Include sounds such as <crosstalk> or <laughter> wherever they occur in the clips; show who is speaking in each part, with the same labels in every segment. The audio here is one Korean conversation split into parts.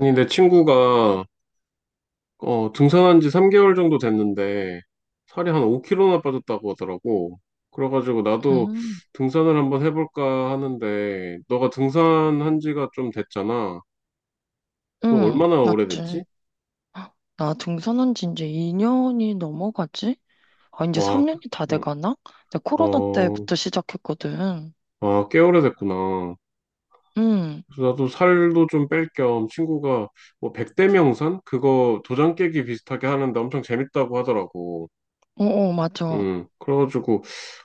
Speaker 1: 아니, 내 친구가 등산한 지 3개월 정도 됐는데 살이 한 5kg나 빠졌다고 하더라고. 그래가지고 나도
Speaker 2: 음,
Speaker 1: 등산을 한번 해볼까 하는데 너가 등산한 지가 좀 됐잖아. 너
Speaker 2: 응,
Speaker 1: 얼마나
Speaker 2: 맞지.
Speaker 1: 오래됐지?
Speaker 2: 나 등산한 지 이제 2년이 넘어가지? 아, 이제
Speaker 1: 와,
Speaker 2: 3년이 다
Speaker 1: 응,
Speaker 2: 돼가나? 내가
Speaker 1: 어,
Speaker 2: 코로나
Speaker 1: 어,
Speaker 2: 때부터 시작했거든.
Speaker 1: 아, 꽤 오래됐구나.
Speaker 2: 응,
Speaker 1: 그래서 나도 살도 좀 뺄 겸 친구가 뭐 백대명산? 그거 도장 깨기 비슷하게 하는데 엄청 재밌다고 하더라고.
Speaker 2: 어, 어, 맞아.
Speaker 1: 음. 그래가지고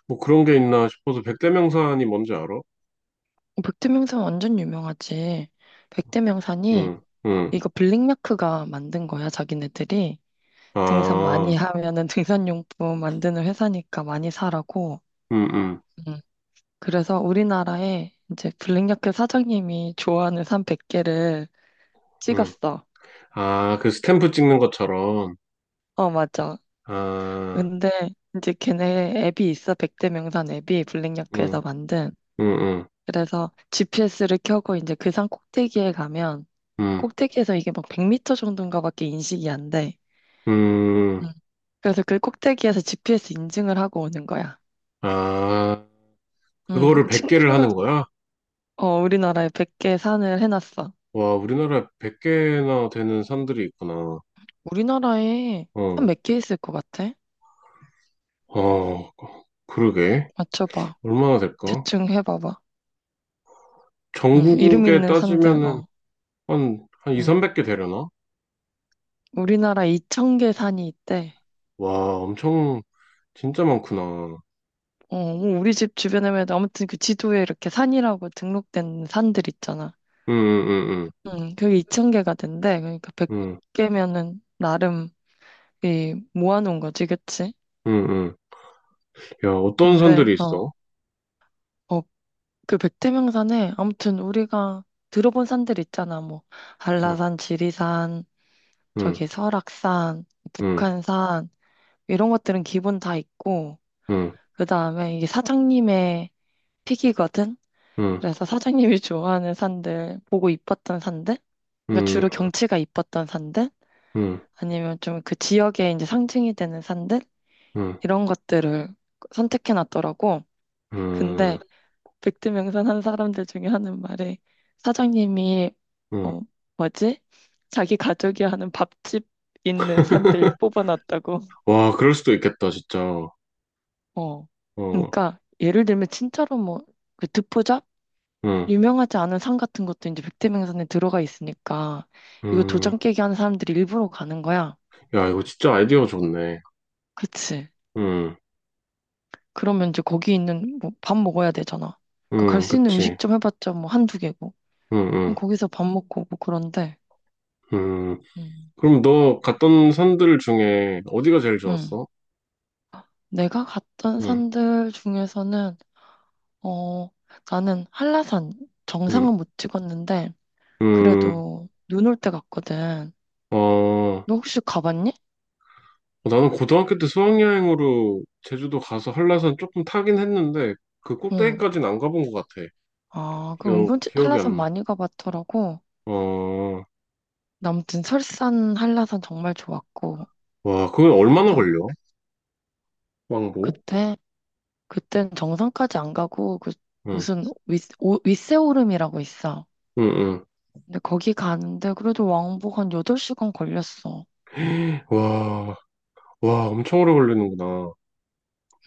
Speaker 1: 뭐 그런 게 있나 싶어서 백대명산이 뭔지 알아?
Speaker 2: 백두명산 완전 유명하지. 백두명산이
Speaker 1: 응, 응.
Speaker 2: 이거 블링마크가 만든 거야, 자기네들이. 등산 많이
Speaker 1: 아,
Speaker 2: 하면은 등산용품 만드는 회사니까 많이 사라고.
Speaker 1: 응, 응,
Speaker 2: 음, 그래서 우리나라에 이제 블링야크 사장님이 좋아하는 산 100개를
Speaker 1: 응.
Speaker 2: 찍었어.
Speaker 1: 아, 그 스탬프 찍는 것처럼.
Speaker 2: 어, 맞아.
Speaker 1: 아,
Speaker 2: 근데 이제 걔네 앱이 있어. 백대 명산 앱이
Speaker 1: 응,
Speaker 2: 블랙야크에서 만든.
Speaker 1: 응, 응,
Speaker 2: 그래서 GPS를 켜고 이제 그 산 꼭대기에 가면
Speaker 1: 응,
Speaker 2: 꼭대기에서 이게 막 100m 정도인가 밖에 인식이 안 돼.
Speaker 1: 응.
Speaker 2: 음. 그래서 그 꼭대기에서 GPS 인증을 하고 오는 거야.
Speaker 1: 아, 그거를
Speaker 2: 친구
Speaker 1: 100개를
Speaker 2: 친구
Speaker 1: 하는 거야?
Speaker 2: 어 우리나라에 100개 산을 해놨어.
Speaker 1: 와, 우리나라에 100개나 되는 산들이 있구나.
Speaker 2: 우리나라에 산
Speaker 1: 어,
Speaker 2: 몇 개 있을 것 같아?
Speaker 1: 어, 그러게.
Speaker 2: 맞춰봐.
Speaker 1: 얼마나 될까?
Speaker 2: 대충 해봐봐. 이름
Speaker 1: 전국에
Speaker 2: 있는 산들.
Speaker 1: 따지면은
Speaker 2: 어.
Speaker 1: 한 2,
Speaker 2: 음.
Speaker 1: 300개 되려나?
Speaker 2: 우리나라 2,000개 산이 있대.
Speaker 1: 와, 엄청, 진짜 많구나.
Speaker 2: 어, 뭐 우리 집 주변에면 아무튼 그 지도에 이렇게 산이라고 등록된 산들 있잖아.
Speaker 1: 응, 응, 응,
Speaker 2: 응, 그게 2천개가 된대. 그러니까
Speaker 1: 응,
Speaker 2: 100개면은 나름 이 모아놓은 거지, 그치?
Speaker 1: 응, 응. 응. 야, 어떤
Speaker 2: 근데,
Speaker 1: 산들이 있어?
Speaker 2: 어, 그 백태명산에 아무튼 우리가 들어본 산들 있잖아. 뭐,
Speaker 1: 응.
Speaker 2: 한라산, 지리산, 저기
Speaker 1: 음,
Speaker 2: 설악산,
Speaker 1: 음,
Speaker 2: 북한산, 이런 것들은 기본 다 있고,
Speaker 1: 음,
Speaker 2: 그 다음에 이게 사장님의 픽이거든?
Speaker 1: 음,
Speaker 2: 그래서 사장님이 좋아하는 산들, 보고 이뻤던 산들, 그러니까
Speaker 1: 음,
Speaker 2: 주로 경치가 이뻤던 산들,
Speaker 1: 음,
Speaker 2: 아니면 좀 그 지역의 이제 상징이 되는 산들,
Speaker 1: 음,
Speaker 2: 이런 것들을 선택해 놨더라고. 근데
Speaker 1: 음,
Speaker 2: 백두명산 한 사람들 중에 하는 말이 사장님이,
Speaker 1: 음.
Speaker 2: 어, 뭐지? 자기 가족이 하는 밥집 있는 산들
Speaker 1: <laughs>
Speaker 2: 뽑아놨다고.
Speaker 1: 와, 그럴 수도 있겠다, 진짜. 어,
Speaker 2: 어. 그러니까 예를 들면 진짜로 뭐, 그 듣보잡?
Speaker 1: 음,
Speaker 2: 유명하지 않은 산 같은 것도 이제 백태명산에 들어가 있으니까 이거
Speaker 1: 음.
Speaker 2: 도장 깨기 하는 사람들이 일부러 가는 거야.
Speaker 1: 야, 이거 진짜 아이디어 좋네.
Speaker 2: 그치.
Speaker 1: 음,
Speaker 2: 그러면 이제 거기 있는 뭐 밥 먹어야 되잖아. 그러니까 갈 수 있는
Speaker 1: 그치.
Speaker 2: 음식점 해봤자 뭐 한두 개고.
Speaker 1: 음,
Speaker 2: 그럼
Speaker 1: 음,
Speaker 2: 거기서 밥 먹고 오고 그런데,
Speaker 1: 음.
Speaker 2: 음,
Speaker 1: 그럼 너 갔던 산들 중에 어디가 제일
Speaker 2: 음.
Speaker 1: 좋았어?
Speaker 2: 내가 갔던
Speaker 1: 음,
Speaker 2: 산들 중에서는, 어, 나는 한라산
Speaker 1: 음,
Speaker 2: 정상은 못 찍었는데,
Speaker 1: 음.
Speaker 2: 그래도 눈 올 때 갔거든.
Speaker 1: 어,
Speaker 2: 너 혹시 가봤니?
Speaker 1: 나는 고등학교 때 수학여행으로 제주도 가서 한라산 조금 타긴 했는데, 그
Speaker 2: 응.
Speaker 1: 꼭대기까지는 안 가본 것 같아.
Speaker 2: 아, 그
Speaker 1: 기억,
Speaker 2: 은근
Speaker 1: 기억이
Speaker 2: 한라산
Speaker 1: 안 나.
Speaker 2: 많이 가봤더라고.
Speaker 1: 어,
Speaker 2: 아무튼 설산, 한라산 정말 좋았고,
Speaker 1: 와, 그건 얼마나
Speaker 2: 그다,
Speaker 1: 걸려? 왕복?
Speaker 2: 그때, 그땐 정상까지 안 가고, 그,
Speaker 1: 응,
Speaker 2: 윗세오름이라고 있어.
Speaker 1: 응, 응.
Speaker 2: 근데 거기 가는데 그래도 왕복 한 8시간 걸렸어.
Speaker 1: 와, 와, 엄청 오래 걸리는구나.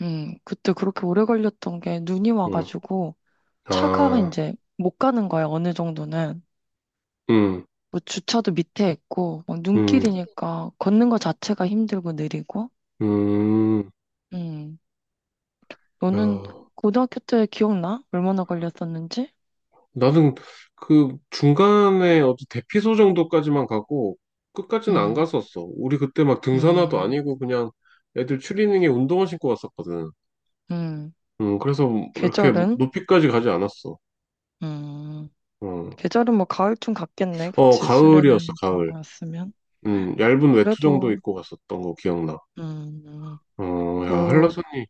Speaker 2: 그때 그렇게 오래 걸렸던 게 눈이
Speaker 1: 응,
Speaker 2: 와가지고, 차가
Speaker 1: 아,
Speaker 2: 이제 못 가는 거야, 어느 정도는.
Speaker 1: 응,
Speaker 2: 뭐 주차도 밑에 있고, 막
Speaker 1: 응,
Speaker 2: 눈길이니까 걷는 거 자체가 힘들고 느리고.
Speaker 1: 응.
Speaker 2: 음,
Speaker 1: 야,
Speaker 2: 너는 고등학교 때 기억나? 얼마나 걸렸었는지?
Speaker 1: 나는 그 중간에 어디 대피소 정도까지만 가고 끝까지는 안
Speaker 2: 음.
Speaker 1: 갔었어. 우리 그때 막 등산화도
Speaker 2: 음,
Speaker 1: 아니고 그냥 애들 추리닝에 운동화 신고 갔었거든.
Speaker 2: 음,
Speaker 1: 응, 그래서 이렇게
Speaker 2: 계절은?
Speaker 1: 높이까지 가지 않았어.
Speaker 2: 음,
Speaker 1: 응.
Speaker 2: 계절은 뭐 가을쯤 갔겠네.
Speaker 1: 어,
Speaker 2: 그치?
Speaker 1: 가을이었어,
Speaker 2: 수련회는 그런
Speaker 1: 가을.
Speaker 2: 거였으면.
Speaker 1: 응, 얇은 외투 정도
Speaker 2: 그래도,
Speaker 1: 입고 갔었던 거 기억나.
Speaker 2: 음,
Speaker 1: 어, 야,
Speaker 2: 그,
Speaker 1: 한라산이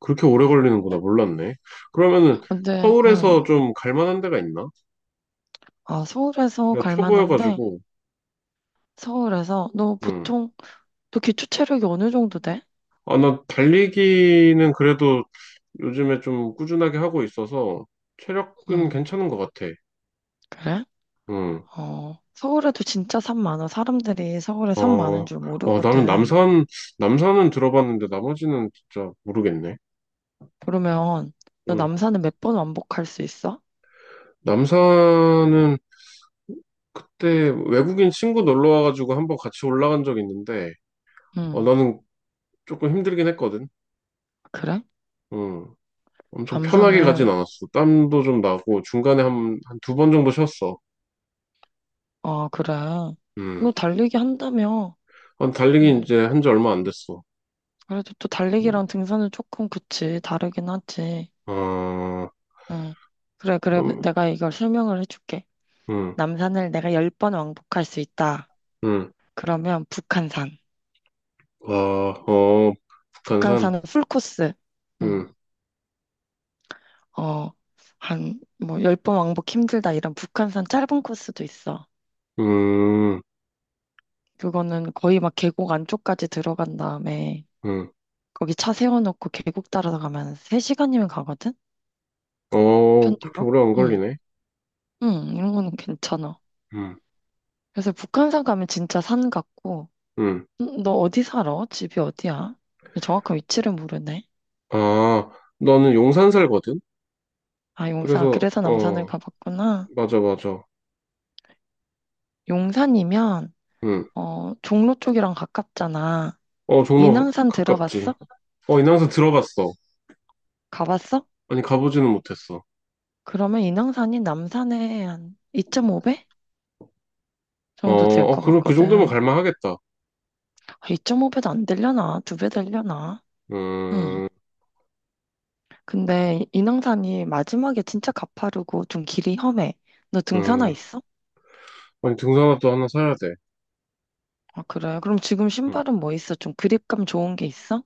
Speaker 1: 그렇게 오래 걸리는구나. 몰랐네. 그러면은
Speaker 2: 근데,
Speaker 1: 서울에서 좀 갈만한 데가 있나?
Speaker 2: 아, 서울에서
Speaker 1: 내가
Speaker 2: 갈 만한데,
Speaker 1: 초보여가지고,
Speaker 2: 서울에서, 너
Speaker 1: 응.
Speaker 2: 보통, 너 기초 체력이 어느 정도 돼?
Speaker 1: 아, 나 달리기는 그래도 요즘에 좀 꾸준하게 하고 있어서 체력은
Speaker 2: 음,
Speaker 1: 괜찮은 것 같아.
Speaker 2: 그래?
Speaker 1: 응.
Speaker 2: 어, 서울에도 진짜 산 많아. 사람들이 서울에 산 많은
Speaker 1: 어,
Speaker 2: 줄
Speaker 1: 어, 나는
Speaker 2: 모르거든.
Speaker 1: 남산, 남산은 들어봤는데 나머지는 진짜 모르겠네.
Speaker 2: 그러면, 너
Speaker 1: 응.
Speaker 2: 남산을 몇 번 왕복할 수 있어?
Speaker 1: 남산은 그때 외국인 친구 놀러 와가지고 한번 같이 올라간 적이 있는데, 어,
Speaker 2: 음,
Speaker 1: 나는 조금 힘들긴 했거든.
Speaker 2: 그래?
Speaker 1: 응. 엄청 편하게 가진
Speaker 2: 남산을
Speaker 1: 않았어. 땀도 좀 나고 중간에 한 두 번 정도 쉬었어.
Speaker 2: 아, 그래. 너
Speaker 1: 음.
Speaker 2: 달리기 한다며?
Speaker 1: 한 달리기
Speaker 2: 응.
Speaker 1: 이제 한지 얼마 안 됐어.
Speaker 2: 그래도 또
Speaker 1: 음.
Speaker 2: 달리기랑 등산은 조금 그치. 다르긴 하지.
Speaker 1: 아,
Speaker 2: 응. 그래, 그래.
Speaker 1: 그럼,
Speaker 2: 내가 이걸 설명을 해줄게.
Speaker 1: 음,
Speaker 2: 남산을 내가 10번 왕복할 수 있다.
Speaker 1: 음.
Speaker 2: 그러면 북한산.
Speaker 1: 아, 어, 북한산?
Speaker 2: 북한산은 풀코스. 응.
Speaker 1: 음,
Speaker 2: 어, 한, 뭐, 10번 왕복 힘들다. 이런 북한산 짧은 코스도 있어.
Speaker 1: 음,
Speaker 2: 그거는 거의 막 계곡 안쪽까지 들어간 다음에
Speaker 1: 음.
Speaker 2: 거기 차 세워놓고 계곡 따라가면 3시간이면 가거든?
Speaker 1: 어, 그렇게
Speaker 2: 편도로?
Speaker 1: 오래 안 걸리네.
Speaker 2: 응, 이런 거는 괜찮아.
Speaker 1: 음,
Speaker 2: 그래서 북한산 가면 진짜 산 같고,
Speaker 1: 음.
Speaker 2: 너 어디 살아? 집이 어디야? 정확한 위치를 모르네.
Speaker 1: 아, 너는 용산 살거든?
Speaker 2: 아, 용산.
Speaker 1: 그래서,
Speaker 2: 그래서 남산을
Speaker 1: 어,
Speaker 2: 가봤구나.
Speaker 1: 맞아, 맞아.
Speaker 2: 용산이면,
Speaker 1: 음.
Speaker 2: 종로 쪽이랑 가깝잖아.
Speaker 1: 어, 종로
Speaker 2: 인왕산
Speaker 1: 가깝지.
Speaker 2: 들어봤어?
Speaker 1: 어, 인왕산 들어봤어.
Speaker 2: 가봤어?
Speaker 1: 아니, 가보지는 못했어.
Speaker 2: 그러면 인왕산이 남산의 한 2.5배
Speaker 1: 어,
Speaker 2: 정도 될
Speaker 1: 어,
Speaker 2: 것
Speaker 1: 그럼 그 정도면
Speaker 2: 같거든.
Speaker 1: 갈만하겠다.
Speaker 2: 아, 2.5배도 안 되려나? 2배 되려나? 응.
Speaker 1: 음,
Speaker 2: 근데 인왕산이 마지막에 진짜 가파르고 좀 길이 험해. 너 등산화
Speaker 1: 음.
Speaker 2: 있어?
Speaker 1: 아니, 등산화도 하나 사야 돼.
Speaker 2: 아, 그래. 그럼 지금
Speaker 1: 응.
Speaker 2: 신발은 뭐 있어? 좀 그립감 좋은 게 있어?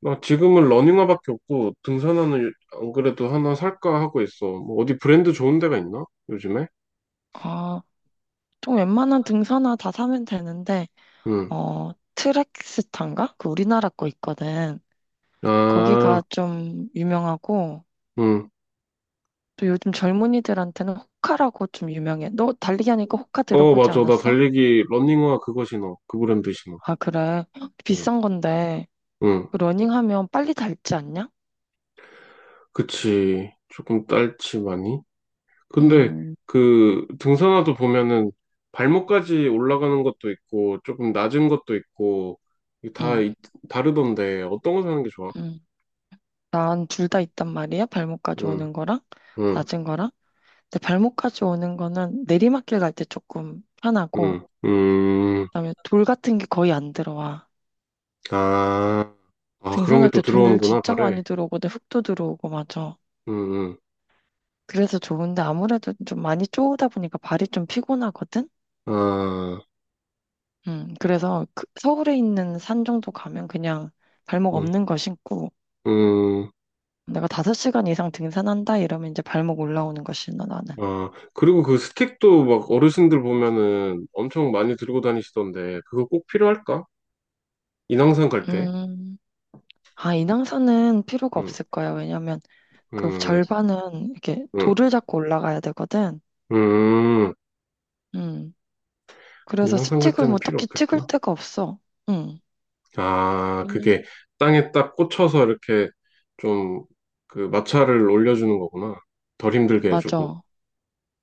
Speaker 1: 나 지금은 러닝화밖에 없고, 등산화는 안 그래도 하나 살까 하고 있어. 뭐 어디 브랜드 좋은 데가 있나? 요즘에?
Speaker 2: 아, 좀 웬만한 등산화 다 사면 되는데,
Speaker 1: 응.
Speaker 2: 어, 트랙스타인가? 그 우리나라 거 있거든.
Speaker 1: 아,
Speaker 2: 거기가 좀 유명하고,
Speaker 1: 응.
Speaker 2: 또 요즘 젊은이들한테는 호카라고 좀 유명해. 너 달리기 하니까 호카
Speaker 1: 어,
Speaker 2: 들어보지
Speaker 1: 맞아. 나
Speaker 2: 않았어?
Speaker 1: 달리기 러닝화 그거 신어. 그 브랜드 신어.
Speaker 2: 아, 그래. <gasps> 헉,
Speaker 1: 응,
Speaker 2: 비싼 건데,
Speaker 1: 응.
Speaker 2: 그 러닝하면 빨리 닳지 않냐?
Speaker 1: 그치. 조금 딸치 많이. 근데
Speaker 2: 음,
Speaker 1: 그 등산화도 보면은 발목까지 올라가는 것도 있고, 조금 낮은 것도 있고, 이게 다
Speaker 2: 음,
Speaker 1: 다르던데, 어떤 거 사는 게 좋아?
Speaker 2: 음. 난 둘 다 있단 말이야. 발목까지
Speaker 1: 응.
Speaker 2: 오는 거랑,
Speaker 1: 응,
Speaker 2: 낮은 거랑. 근데 발목까지 오는 거는 내리막길 갈 때 조금 편하고,
Speaker 1: 응,
Speaker 2: 그다음에 돌 같은 게 거의 안 들어와.
Speaker 1: 아, 아, 그런 게
Speaker 2: 등산할
Speaker 1: 또
Speaker 2: 때 돌
Speaker 1: 들어오는구나,
Speaker 2: 진짜
Speaker 1: 발에.
Speaker 2: 많이 들어오거든. 흙도 들어오고, 맞아.
Speaker 1: 응,
Speaker 2: 그래서 좋은데 아무래도 좀 많이 쪼다 보니까 발이 좀 피곤하거든?
Speaker 1: 응, 아,
Speaker 2: 그래서 그 서울에 있는 산 정도 가면 그냥 발목
Speaker 1: 응,
Speaker 2: 없는 거 신고,
Speaker 1: 응,
Speaker 2: 내가 5시간 이상 등산한다 이러면 이제 발목 올라오는 거 신어, 나는.
Speaker 1: 아, 그리고 그 스틱도 막 어르신들 보면은 엄청 많이 들고 다니시던데, 그거 꼭 필요할까? 인왕산 갈 때?
Speaker 2: 음, 아, 인왕산은 필요가
Speaker 1: 응,
Speaker 2: 없을 거야. 왜냐면 그
Speaker 1: 응,
Speaker 2: 절반은 이렇게
Speaker 1: 응,
Speaker 2: 돌을 잡고 올라가야 되거든.
Speaker 1: 응,
Speaker 2: 음. 그래서
Speaker 1: 인왕산 갈
Speaker 2: 스틱으로
Speaker 1: 때는
Speaker 2: 뭐
Speaker 1: 필요
Speaker 2: 딱히 찍을
Speaker 1: 없겠구나.
Speaker 2: 데가 없어. 음.
Speaker 1: 아,
Speaker 2: 그냥
Speaker 1: 그게 땅에 딱 꽂혀서 이렇게 좀 그 마찰을 올려주는 거구나. 덜 힘들게 해주고.
Speaker 2: 맞아.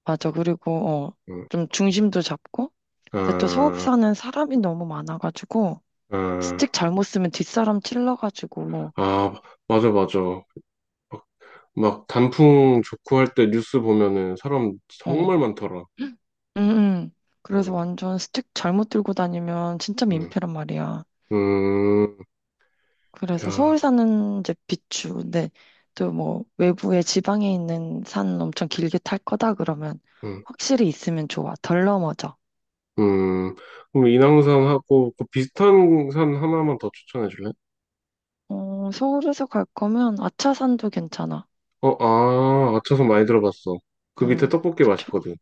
Speaker 2: 맞아. 그리고,
Speaker 1: 응,
Speaker 2: 좀 중심도 잡고. 근데 또 서울
Speaker 1: 아,
Speaker 2: 사는 사람이 너무 많아가지고,
Speaker 1: 아.
Speaker 2: 스틱 잘못 쓰면 뒷사람 찔러가지고,
Speaker 1: 아, 맞아, 맞아. 막, 막 단풍 좋고 할 때 뉴스 보면은 사람
Speaker 2: 어.
Speaker 1: 정말 많더라.
Speaker 2: <gasps> 응, 응. 그래서
Speaker 1: 응,
Speaker 2: 완전 스틱 잘못 들고 다니면 진짜
Speaker 1: 응,
Speaker 2: 민폐란 말이야.
Speaker 1: 음,
Speaker 2: 그래서 서울
Speaker 1: 야,
Speaker 2: 사는 이제 비추. 근데 또 뭐, 외부에 지방에 있는 산 엄청 길게 탈 거다 그러면
Speaker 1: 응,
Speaker 2: 확실히 있으면 좋아. 덜 넘어져.
Speaker 1: 음. 그럼 인왕산하고 그 비슷한 산 하나만 더 추천해 줄래?
Speaker 2: 어, 서울에서 갈 거면 아차산도 괜찮아.
Speaker 1: 어, 아, 아차산 많이 들어봤어. 그 밑에
Speaker 2: 응.
Speaker 1: 떡볶이
Speaker 2: 그쵸.
Speaker 1: 맛있거든.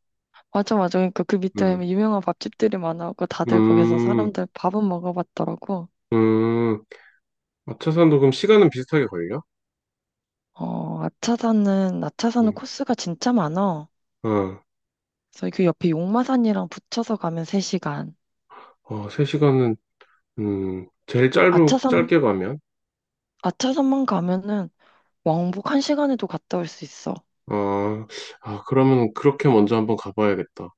Speaker 2: 맞아, 맞아. 그러니까 그 밑에
Speaker 1: 응,
Speaker 2: 유명한 밥집들이 많아갖고 다들 거기서
Speaker 1: 음,
Speaker 2: 사람들 밥은 먹어봤더라고.
Speaker 1: 음. 아차산도 그럼 시간은 비슷하게 걸려?
Speaker 2: 어, 아차산은
Speaker 1: 응,
Speaker 2: 코스가 진짜 많아.
Speaker 1: 어,
Speaker 2: 그래서 그 옆에 용마산이랑 붙여서 가면 3시간.
Speaker 1: 어, 3시간은, 제일 짧은,
Speaker 2: 아차산,
Speaker 1: 짧게 가면?
Speaker 2: 아차산만 가면은 왕복 1시간에도 갔다 올 수 있어.
Speaker 1: 아, 아, 그러면 그렇게 먼저 한번 가봐야겠다.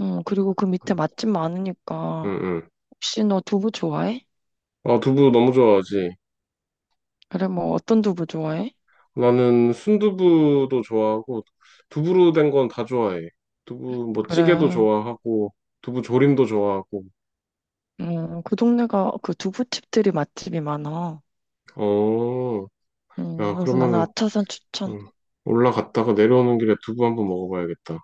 Speaker 2: 응, 그리고 그 밑에
Speaker 1: 응,
Speaker 2: 맛집 많으니까.
Speaker 1: 응. 응.
Speaker 2: 혹시 너 두부 좋아해?
Speaker 1: 아, 두부 너무 좋아하지.
Speaker 2: 그래, 뭐 어떤 두부 좋아해?
Speaker 1: 나는 순두부도 좋아하고, 두부로 된 건 다 좋아해. 두부, 뭐, 찌개도
Speaker 2: 그래.
Speaker 1: 좋아하고, 두부 조림도 좋아하고.
Speaker 2: 그 동네가 그 두부집들이 맛집이 많아.
Speaker 1: 어, 야,
Speaker 2: 그래서 나는
Speaker 1: 그러면은,
Speaker 2: 아차산 추천.
Speaker 1: 음, 올라갔다가 내려오는 길에 두부 한번 먹어봐야겠다.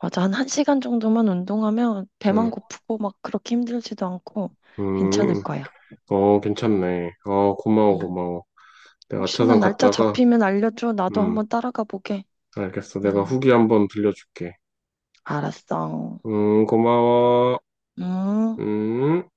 Speaker 2: 맞아. 한 1시간 정도만 운동하면 배만
Speaker 1: 응,
Speaker 2: 고프고 막 그렇게 힘들지도 않고 괜찮을
Speaker 1: 음,
Speaker 2: 거야.
Speaker 1: 어, 괜찮네. 어, 고마워,
Speaker 2: 음.
Speaker 1: 고마워. 내가
Speaker 2: 혹시나
Speaker 1: 아차산
Speaker 2: 날짜
Speaker 1: 갔다가,
Speaker 2: 잡히면 알려줘. 나도
Speaker 1: 음,
Speaker 2: 한번 따라가 보게.
Speaker 1: 알겠어. 내가
Speaker 2: 음,
Speaker 1: 후기 한번 들려줄게.
Speaker 2: 알았어.
Speaker 1: 고마워.
Speaker 2: 음.
Speaker 1: 음.